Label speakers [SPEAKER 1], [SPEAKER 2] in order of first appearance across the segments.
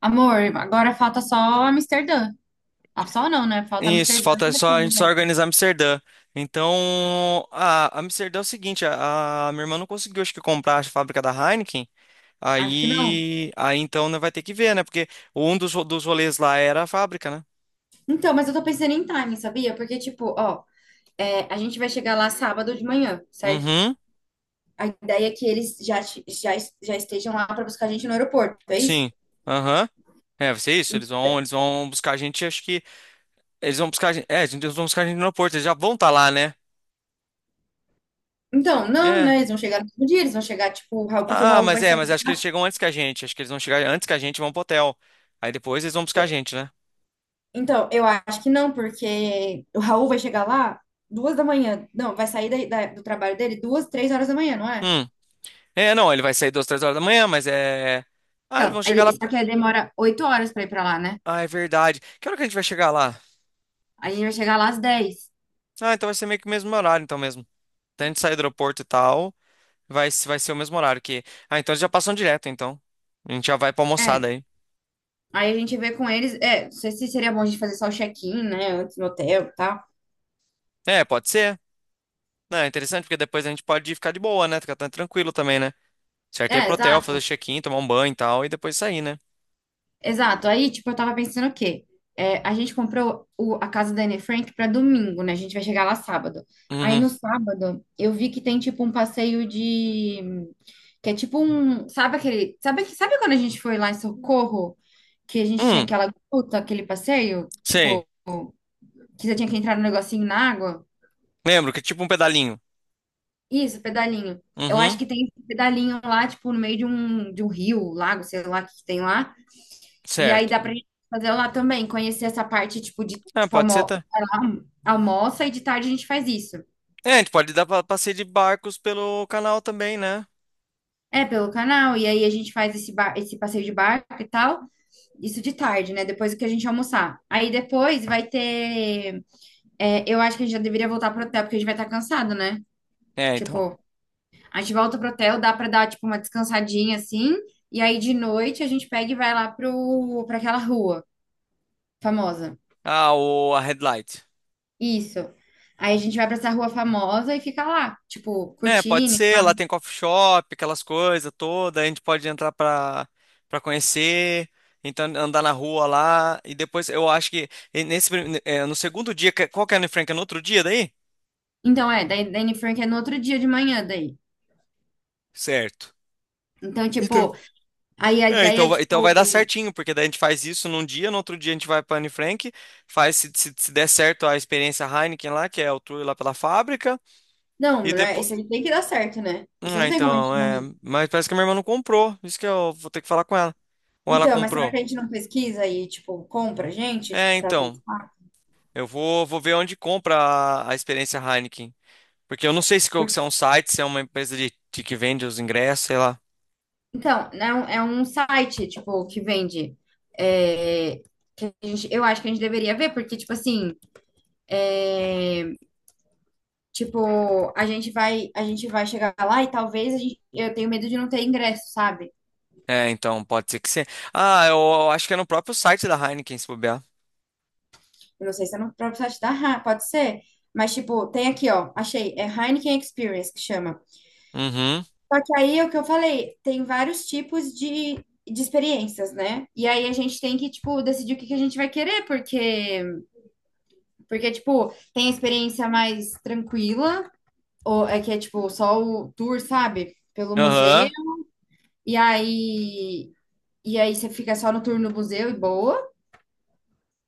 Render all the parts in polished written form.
[SPEAKER 1] Amor, agora falta só Amsterdã. Ah, só não, né? Falta
[SPEAKER 2] Isso,
[SPEAKER 1] Amsterdã
[SPEAKER 2] falta
[SPEAKER 1] e
[SPEAKER 2] só a gente
[SPEAKER 1] depois,
[SPEAKER 2] só
[SPEAKER 1] né?
[SPEAKER 2] organizar Amsterdã. Então, a Amsterdã é o seguinte, a minha irmã não conseguiu, acho que, comprar a fábrica da Heineken.
[SPEAKER 1] Acho que não.
[SPEAKER 2] Aí então, né, vai ter que ver, né? Porque um dos rolês lá era a fábrica, né?
[SPEAKER 1] Então, mas eu tô pensando em time, sabia? Porque, tipo, ó, é, a gente vai chegar lá sábado de manhã, certo?
[SPEAKER 2] Uhum,
[SPEAKER 1] A ideia é que eles já, estejam lá pra buscar a gente no aeroporto, é isso?
[SPEAKER 2] sim. Aham. É, vai ser isso. Eles vão buscar a gente, acho que. Eles vão buscar a gente. É, eles vão buscar a gente no aeroporto, eles já vão estar lá, né?
[SPEAKER 1] Então, não,
[SPEAKER 2] É.
[SPEAKER 1] né? Eles vão chegar no mesmo dia, eles vão chegar, tipo, o Raul, porque o
[SPEAKER 2] Ah,
[SPEAKER 1] Raul
[SPEAKER 2] mas
[SPEAKER 1] vai
[SPEAKER 2] é,
[SPEAKER 1] sair
[SPEAKER 2] mas
[SPEAKER 1] de
[SPEAKER 2] acho que eles
[SPEAKER 1] lá.
[SPEAKER 2] chegam antes que a gente. Acho que eles vão chegar antes que a gente e vão pro hotel. Aí depois eles vão buscar a gente, né?
[SPEAKER 1] Então, eu acho que não, porque o Raul vai chegar lá 2 da manhã. Não, vai sair do trabalho dele 2, 3 horas da manhã, não é?
[SPEAKER 2] Hum. É, não, ele vai sair duas, três horas da manhã, mas é. Ah, eles
[SPEAKER 1] Então,
[SPEAKER 2] vão chegar lá.
[SPEAKER 1] só que aí demora 8 horas pra ir pra lá, né?
[SPEAKER 2] Ah, é verdade. Que hora que a gente vai chegar lá?
[SPEAKER 1] Aí a gente vai chegar lá às 10.
[SPEAKER 2] Ah, então vai ser meio que o mesmo horário, então mesmo. Então a gente sair do aeroporto e tal, vai, se- vai ser o mesmo horário que. Ah, então eles já passam direto, então. A gente já vai pra almoçar
[SPEAKER 1] É.
[SPEAKER 2] daí.
[SPEAKER 1] Aí a gente vê com eles. É, não sei se seria bom a gente fazer só o check-in, né? Antes no hotel e tal.
[SPEAKER 2] É, pode ser. Não, é interessante, porque depois a gente pode ficar de boa, né? Ficar tranquilo também, né? Certo, é ir
[SPEAKER 1] É,
[SPEAKER 2] pro hotel, fazer
[SPEAKER 1] exato.
[SPEAKER 2] check-in, tomar um banho e tal, e depois sair, né?
[SPEAKER 1] Exato. Aí, tipo, eu tava pensando o quê? É, a gente comprou a casa da Anne Frank pra domingo, né? A gente vai chegar lá sábado. Aí
[SPEAKER 2] Uhum.
[SPEAKER 1] no sábado, eu vi que tem tipo um passeio de. Que é tipo um. Sabe aquele. Sabe, sabe quando a gente foi lá em Socorro? Que a gente tinha
[SPEAKER 2] Hum,
[SPEAKER 1] aquela gruta, aquele passeio?
[SPEAKER 2] sei.
[SPEAKER 1] Tipo. Que você tinha que entrar no negocinho na água.
[SPEAKER 2] Lembro que é tipo um pedalinho.
[SPEAKER 1] Isso, pedalinho. Eu acho
[SPEAKER 2] Uhum,
[SPEAKER 1] que tem esse pedalinho lá, tipo, no meio de um rio, lago, sei lá o que que tem lá. E aí
[SPEAKER 2] certo.
[SPEAKER 1] dá pra gente fazer lá também, conhecer essa parte, tipo, de,
[SPEAKER 2] Ah,
[SPEAKER 1] tipo,
[SPEAKER 2] pode ser,
[SPEAKER 1] almo
[SPEAKER 2] tá?
[SPEAKER 1] sei lá, almoça e de tarde a gente faz isso.
[SPEAKER 2] É, a gente pode dar passeio de barcos pelo canal também, né?
[SPEAKER 1] É, pelo canal, e aí a gente faz esse, bar esse passeio de barco e tal. Isso de tarde, né? Depois que a gente almoçar. Aí depois vai ter. É, eu acho que a gente já deveria voltar pro hotel, porque a gente vai estar cansado, né?
[SPEAKER 2] É, então.
[SPEAKER 1] Tipo. A gente volta pro hotel, dá pra dar, tipo, uma descansadinha assim. E aí de noite a gente pega e vai lá pra aquela rua famosa.
[SPEAKER 2] Ah, o, a Headlight.
[SPEAKER 1] Isso. Aí a gente vai pra essa rua famosa e fica lá, tipo,
[SPEAKER 2] É, pode
[SPEAKER 1] curtindo e
[SPEAKER 2] ser.
[SPEAKER 1] tal.
[SPEAKER 2] Lá tem coffee shop, aquelas coisas todas. A gente pode entrar pra conhecer. Então, andar na rua lá. E depois, eu acho que no segundo dia... Qual que é, Anne Frank? É no outro dia daí?
[SPEAKER 1] Então é, daí da Anne Frank é no outro dia de manhã daí.
[SPEAKER 2] Certo.
[SPEAKER 1] Então,
[SPEAKER 2] Então.
[SPEAKER 1] tipo, aí a
[SPEAKER 2] É,
[SPEAKER 1] ideia
[SPEAKER 2] então,
[SPEAKER 1] é,
[SPEAKER 2] vai- então vai dar
[SPEAKER 1] tipo,
[SPEAKER 2] certinho, porque daí a gente faz isso num dia, no outro dia a gente vai para Anne Frank, faz se der certo a experiência Heineken lá, que é o tour lá pela fábrica,
[SPEAKER 1] não,
[SPEAKER 2] e
[SPEAKER 1] não
[SPEAKER 2] depois.
[SPEAKER 1] isso aí tem que dar certo, né? Isso
[SPEAKER 2] Ah,
[SPEAKER 1] não tem como a
[SPEAKER 2] então,
[SPEAKER 1] gente
[SPEAKER 2] é.
[SPEAKER 1] morrer.
[SPEAKER 2] Mas parece que a minha irmã não comprou. Isso que eu vou ter que falar com ela. Ou ela
[SPEAKER 1] Então, mas será
[SPEAKER 2] comprou?
[SPEAKER 1] que a gente não pesquisa e, tipo, compra, gente,
[SPEAKER 2] É,
[SPEAKER 1] tipo, pra
[SPEAKER 2] então.
[SPEAKER 1] testar?
[SPEAKER 2] Eu vou ver onde compra a experiência Heineken. Porque eu não sei se é um site, se é uma empresa de que vende os ingressos, sei lá.
[SPEAKER 1] Então, é um site, tipo, que vende. É, que eu acho que a gente deveria ver, porque, tipo assim, é, tipo, a gente vai chegar lá e talvez a gente, eu tenho medo de não ter ingresso, sabe?
[SPEAKER 2] É, então, pode ser que sim. Ah, eu acho que é no próprio site da Heineken, se bobear.
[SPEAKER 1] Eu não sei se é no próprio site pode ser. Mas, tipo, tem aqui, ó, achei, é Heineken Experience que chama.
[SPEAKER 2] Uhum.
[SPEAKER 1] Só que aí é o que eu falei, tem vários tipos de experiências, né? E aí a gente tem que, tipo, decidir o que que a gente vai querer, porque porque, tipo, tem a experiência mais tranquila, ou é que é, tipo, só o tour, sabe? Pelo museu.
[SPEAKER 2] Aham.
[SPEAKER 1] E aí, você fica só no tour no museu e boa.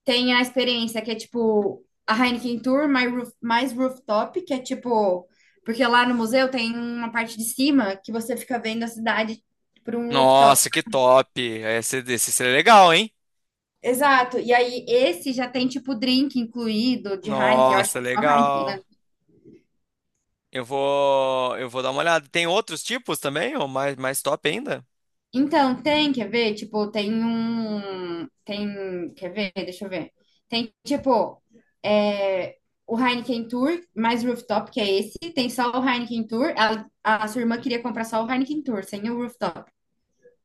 [SPEAKER 1] Tem a experiência que é, tipo, a Heineken Tour mais, mais rooftop, que é, tipo. Porque lá no museu tem uma parte de cima que você fica vendo a cidade por um rooftop.
[SPEAKER 2] Nossa, que top. Esse seria legal, hein?
[SPEAKER 1] Exato. E aí, esse já tem, tipo, drink incluído de Heineken. Eu acho
[SPEAKER 2] Nossa,
[SPEAKER 1] que é só Heineken, né?
[SPEAKER 2] legal. Eu vou dar uma olhada. Tem outros tipos também? Ou mais top ainda?
[SPEAKER 1] Então, tem, quer ver? Tipo, tem um. Tem. Quer ver? Deixa eu ver. Tem, tipo, é, o Heineken Tour, mais rooftop, que é esse. Tem só o Heineken Tour. Sua irmã queria comprar só o Heineken Tour, sem o rooftop.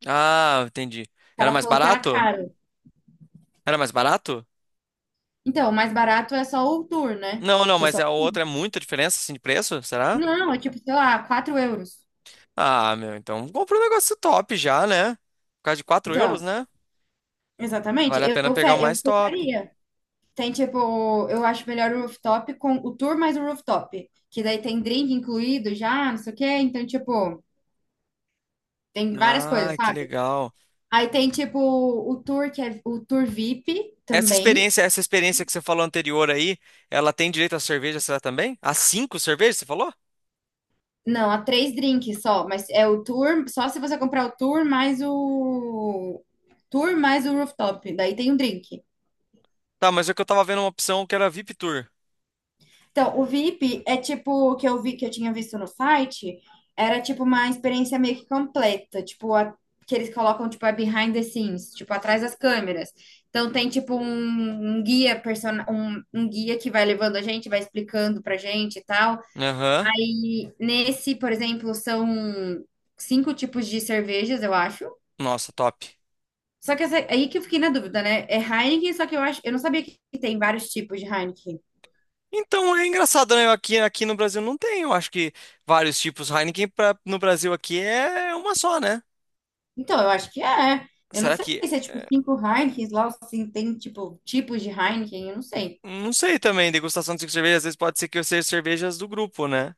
[SPEAKER 2] Ah, entendi. Era
[SPEAKER 1] Ela
[SPEAKER 2] mais
[SPEAKER 1] falou que era
[SPEAKER 2] barato?
[SPEAKER 1] caro.
[SPEAKER 2] Era mais barato?
[SPEAKER 1] Então, o mais barato é só o Tour, né?
[SPEAKER 2] Não, não,
[SPEAKER 1] Que é
[SPEAKER 2] mas
[SPEAKER 1] só.
[SPEAKER 2] a outra é muita diferença assim de preço, será?
[SPEAKER 1] Não, é tipo, sei lá, €4.
[SPEAKER 2] Ah, meu, então compra um negócio top já, né? Por causa de 4 euros,
[SPEAKER 1] Então,
[SPEAKER 2] né?
[SPEAKER 1] exatamente.
[SPEAKER 2] Vale a
[SPEAKER 1] Eu,
[SPEAKER 2] pena
[SPEAKER 1] eu
[SPEAKER 2] pegar o
[SPEAKER 1] fe- eu
[SPEAKER 2] mais top.
[SPEAKER 1] fecharia. Tem tipo, eu acho melhor o rooftop com o tour mais o rooftop. Que daí tem drink incluído já, não sei o quê. Então, tipo, tem várias coisas,
[SPEAKER 2] Ah, que
[SPEAKER 1] sabe?
[SPEAKER 2] legal.
[SPEAKER 1] Aí tem tipo o tour que é o tour VIP
[SPEAKER 2] Essa
[SPEAKER 1] também.
[SPEAKER 2] experiência, essa experiência que você falou anterior aí, ela tem direito à cerveja, será também? A cinco cervejas, você falou?
[SPEAKER 1] Não, há 3 drinks só, mas é o tour, só se você comprar o tour mais o tour mais o rooftop. Daí tem um drink.
[SPEAKER 2] Tá, mas é que eu tava vendo uma opção que era VIP Tour.
[SPEAKER 1] Então, o VIP é tipo o que eu vi que eu tinha visto no site, era tipo uma experiência meio que completa, tipo que eles colocam tipo a behind the scenes, tipo atrás das câmeras. Então tem tipo um guia que vai levando a gente, vai explicando pra gente e tal.
[SPEAKER 2] Aham.
[SPEAKER 1] Aí nesse, por exemplo, são 5 tipos de cervejas, eu acho.
[SPEAKER 2] Nossa, top.
[SPEAKER 1] Só que é aí que eu fiquei na dúvida, né? É Heineken, só que eu acho, eu não sabia que tem vários tipos de Heineken.
[SPEAKER 2] Então é engraçado, né? Aqui no Brasil não tem, eu acho que vários tipos. Heineken pra, no Brasil aqui é uma só, né?
[SPEAKER 1] Então, eu acho que é. É. Eu não
[SPEAKER 2] Será
[SPEAKER 1] sei
[SPEAKER 2] que...
[SPEAKER 1] se é tipo
[SPEAKER 2] é,
[SPEAKER 1] 5 Heinekens lá, ou se tem tipo tipos de Heineken, eu não sei.
[SPEAKER 2] não sei também, degustação de cinco cervejas, às vezes pode ser que eu seja cervejas do grupo, né?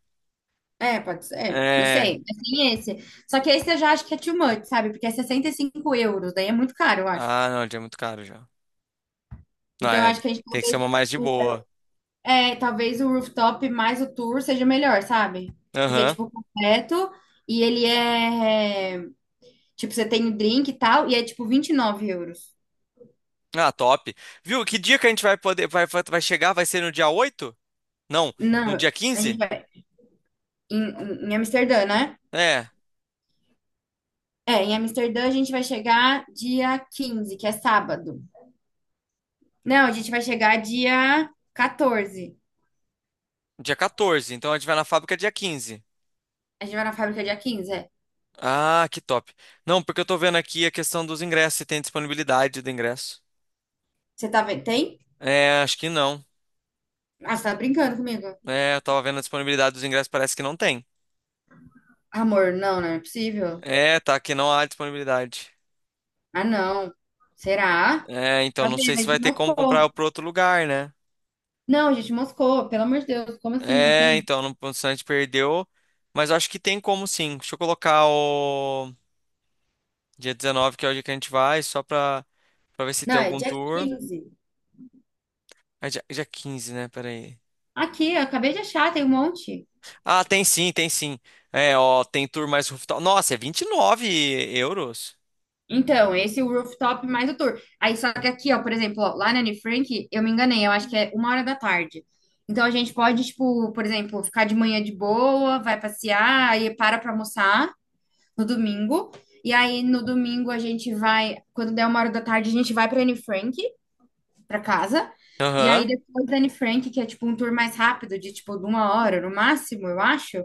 [SPEAKER 1] É, pode ser, não
[SPEAKER 2] É.
[SPEAKER 1] sei. Mas tem esse. Só que esse eu já acho que é too much, sabe? Porque é €65, daí é muito caro, eu acho.
[SPEAKER 2] Ah, não, já é muito caro já. Não,
[SPEAKER 1] Então eu
[SPEAKER 2] é.
[SPEAKER 1] acho que a gente
[SPEAKER 2] Tem que ser
[SPEAKER 1] talvez.
[SPEAKER 2] uma mais de
[SPEAKER 1] o-
[SPEAKER 2] boa.
[SPEAKER 1] eu- É, talvez o rooftop mais o tour seja melhor, sabe? Porque é
[SPEAKER 2] Aham.
[SPEAKER 1] tipo completo e ele é. Tipo, você tem o drink e tal, e é tipo €29.
[SPEAKER 2] Ah, top. Viu? Que dia que a gente vai poder. Vai chegar? Vai ser no dia 8? Não, no
[SPEAKER 1] Não,
[SPEAKER 2] dia
[SPEAKER 1] a gente
[SPEAKER 2] 15?
[SPEAKER 1] vai em, em Amsterdã, né?
[SPEAKER 2] É,
[SPEAKER 1] É, em Amsterdã a gente vai chegar dia 15, que é sábado. Não, a gente vai chegar dia 14.
[SPEAKER 2] dia 14. Então a gente vai na fábrica dia 15.
[SPEAKER 1] A gente vai na fábrica dia 15. É.
[SPEAKER 2] Ah, que top. Não, porque eu tô vendo aqui a questão dos ingressos, se tem disponibilidade do ingresso.
[SPEAKER 1] Você tá vendo? Tem?
[SPEAKER 2] É, acho que não.
[SPEAKER 1] Ah, você tá brincando comigo.
[SPEAKER 2] É, eu tava vendo a disponibilidade dos ingressos, parece que não tem.
[SPEAKER 1] Amor, não, não é possível.
[SPEAKER 2] É, tá, que não há disponibilidade.
[SPEAKER 1] Ah, não. Será?
[SPEAKER 2] É, então,
[SPEAKER 1] Tá
[SPEAKER 2] não sei
[SPEAKER 1] vendo? A
[SPEAKER 2] se vai
[SPEAKER 1] gente
[SPEAKER 2] ter como comprar
[SPEAKER 1] moscou.
[SPEAKER 2] pro outro lugar, né?
[SPEAKER 1] Não, a gente moscou. Pelo amor de Deus, como assim? Não
[SPEAKER 2] É,
[SPEAKER 1] tem?
[SPEAKER 2] então, não, o Santos perdeu, mas eu acho que tem como sim. Deixa eu colocar o dia 19, que é o dia que a gente vai, só pra ver se
[SPEAKER 1] Não,
[SPEAKER 2] tem
[SPEAKER 1] é
[SPEAKER 2] algum
[SPEAKER 1] dia
[SPEAKER 2] tour.
[SPEAKER 1] 15.
[SPEAKER 2] É dia 15, né? Peraí.
[SPEAKER 1] Aqui, eu acabei de achar, tem um monte.
[SPEAKER 2] Ah, tem sim, tem sim. É, ó, tem tour mais rooftop. Nossa, é 29 euros.
[SPEAKER 1] Então, esse é o rooftop mais o tour. Aí, só que aqui, ó, por exemplo, ó, lá na Anne Frank, eu me enganei, eu acho que é 1 hora da tarde. Então, a gente pode, tipo, por exemplo, ficar de manhã de boa, vai passear, aí para pra almoçar no domingo. E aí, no domingo, a gente vai, quando der 1 hora da tarde, a gente vai pra Anne Frank, pra casa. E aí,
[SPEAKER 2] Aham.
[SPEAKER 1] depois da Anne Frank, que é, tipo, um tour mais rápido, de, tipo, de 1 hora no máximo, eu acho.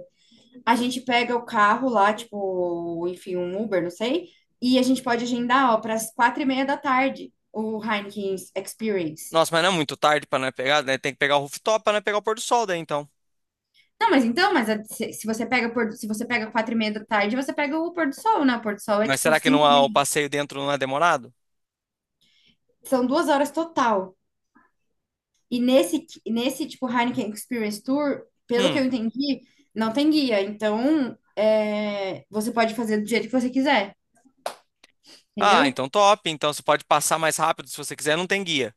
[SPEAKER 1] A gente pega o carro lá, tipo, enfim, um Uber, não sei, e a gente pode agendar, ó, para as 4h30 da tarde o Heineken Experience.
[SPEAKER 2] Nossa, mas não é muito tarde pra não pegar, né? Tem que pegar o rooftop pra não pegar o pôr do sol daí, então.
[SPEAKER 1] Não, mas então, mas a- se se você pega pôr- do- se você pega 4h30 da tarde, você pega o pôr do sol, né? O pôr do sol é
[SPEAKER 2] Mas
[SPEAKER 1] tipo
[SPEAKER 2] será que não
[SPEAKER 1] cinco e
[SPEAKER 2] há- o
[SPEAKER 1] meia.
[SPEAKER 2] passeio dentro não é demorado?
[SPEAKER 1] São 2 horas total. E nesse tipo Heineken Experience Tour, pelo que
[SPEAKER 2] Hum.
[SPEAKER 1] eu entendi, não tem guia. Então, é, você pode fazer do jeito que você quiser,
[SPEAKER 2] Ah,
[SPEAKER 1] entendeu?
[SPEAKER 2] então top. Então você pode passar mais rápido se você quiser, não tem guia.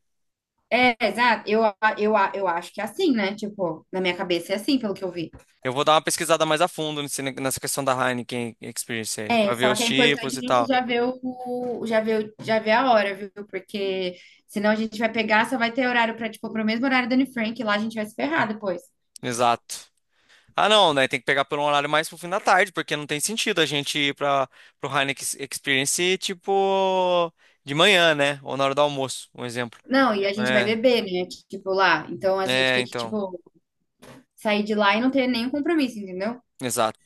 [SPEAKER 1] É, exato. Eu acho que é assim, né? Tipo, na minha cabeça é assim, pelo que eu vi.
[SPEAKER 2] Eu vou dar uma pesquisada mais a fundo nessa questão da Heineken Experience aí, pra
[SPEAKER 1] É,
[SPEAKER 2] ver
[SPEAKER 1] só
[SPEAKER 2] os
[SPEAKER 1] que é
[SPEAKER 2] tipos
[SPEAKER 1] importante a
[SPEAKER 2] e
[SPEAKER 1] gente
[SPEAKER 2] tal.
[SPEAKER 1] já ver já ver a hora, viu? Porque senão a gente vai pegar, só vai ter horário pra, tipo, pro mesmo horário da Anne Frank, lá a gente vai se ferrar depois.
[SPEAKER 2] Exato. Ah, não, né? Tem que pegar por um horário mais pro fim da tarde, porque não tem sentido a gente ir para pro Heineken Experience tipo de manhã, né? Ou na hora do almoço, um exemplo.
[SPEAKER 1] Não, e a gente vai
[SPEAKER 2] É,
[SPEAKER 1] beber, né? Tipo, lá. Então a gente
[SPEAKER 2] é,
[SPEAKER 1] tem que,
[SPEAKER 2] então,
[SPEAKER 1] tipo, sair de lá e não ter nenhum compromisso, entendeu?
[SPEAKER 2] exato.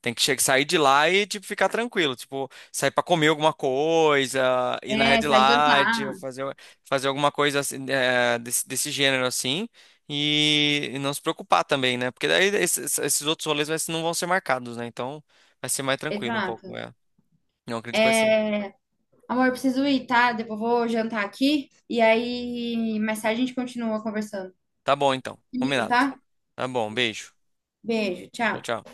[SPEAKER 2] Tem que sair de lá e tipo ficar tranquilo, tipo sair pra comer alguma coisa, ir na
[SPEAKER 1] É,
[SPEAKER 2] Red
[SPEAKER 1] sair
[SPEAKER 2] Light, ou
[SPEAKER 1] jantar.
[SPEAKER 2] fazer alguma coisa assim, desse gênero assim. E não se preocupar também, né? Porque daí esses outros rolês não vão ser marcados, né? Então vai ser mais tranquilo um pouco.
[SPEAKER 1] Exato.
[SPEAKER 2] É. Não acredito que vai ser.
[SPEAKER 1] É, amor, eu preciso ir, tá? Depois eu vou jantar aqui e aí mais tarde a gente continua conversando.
[SPEAKER 2] Tá bom, então.
[SPEAKER 1] Comigo,
[SPEAKER 2] Combinado.
[SPEAKER 1] tá?
[SPEAKER 2] Tá bom, beijo.
[SPEAKER 1] Beijo,
[SPEAKER 2] Tchau,
[SPEAKER 1] tchau.
[SPEAKER 2] tchau.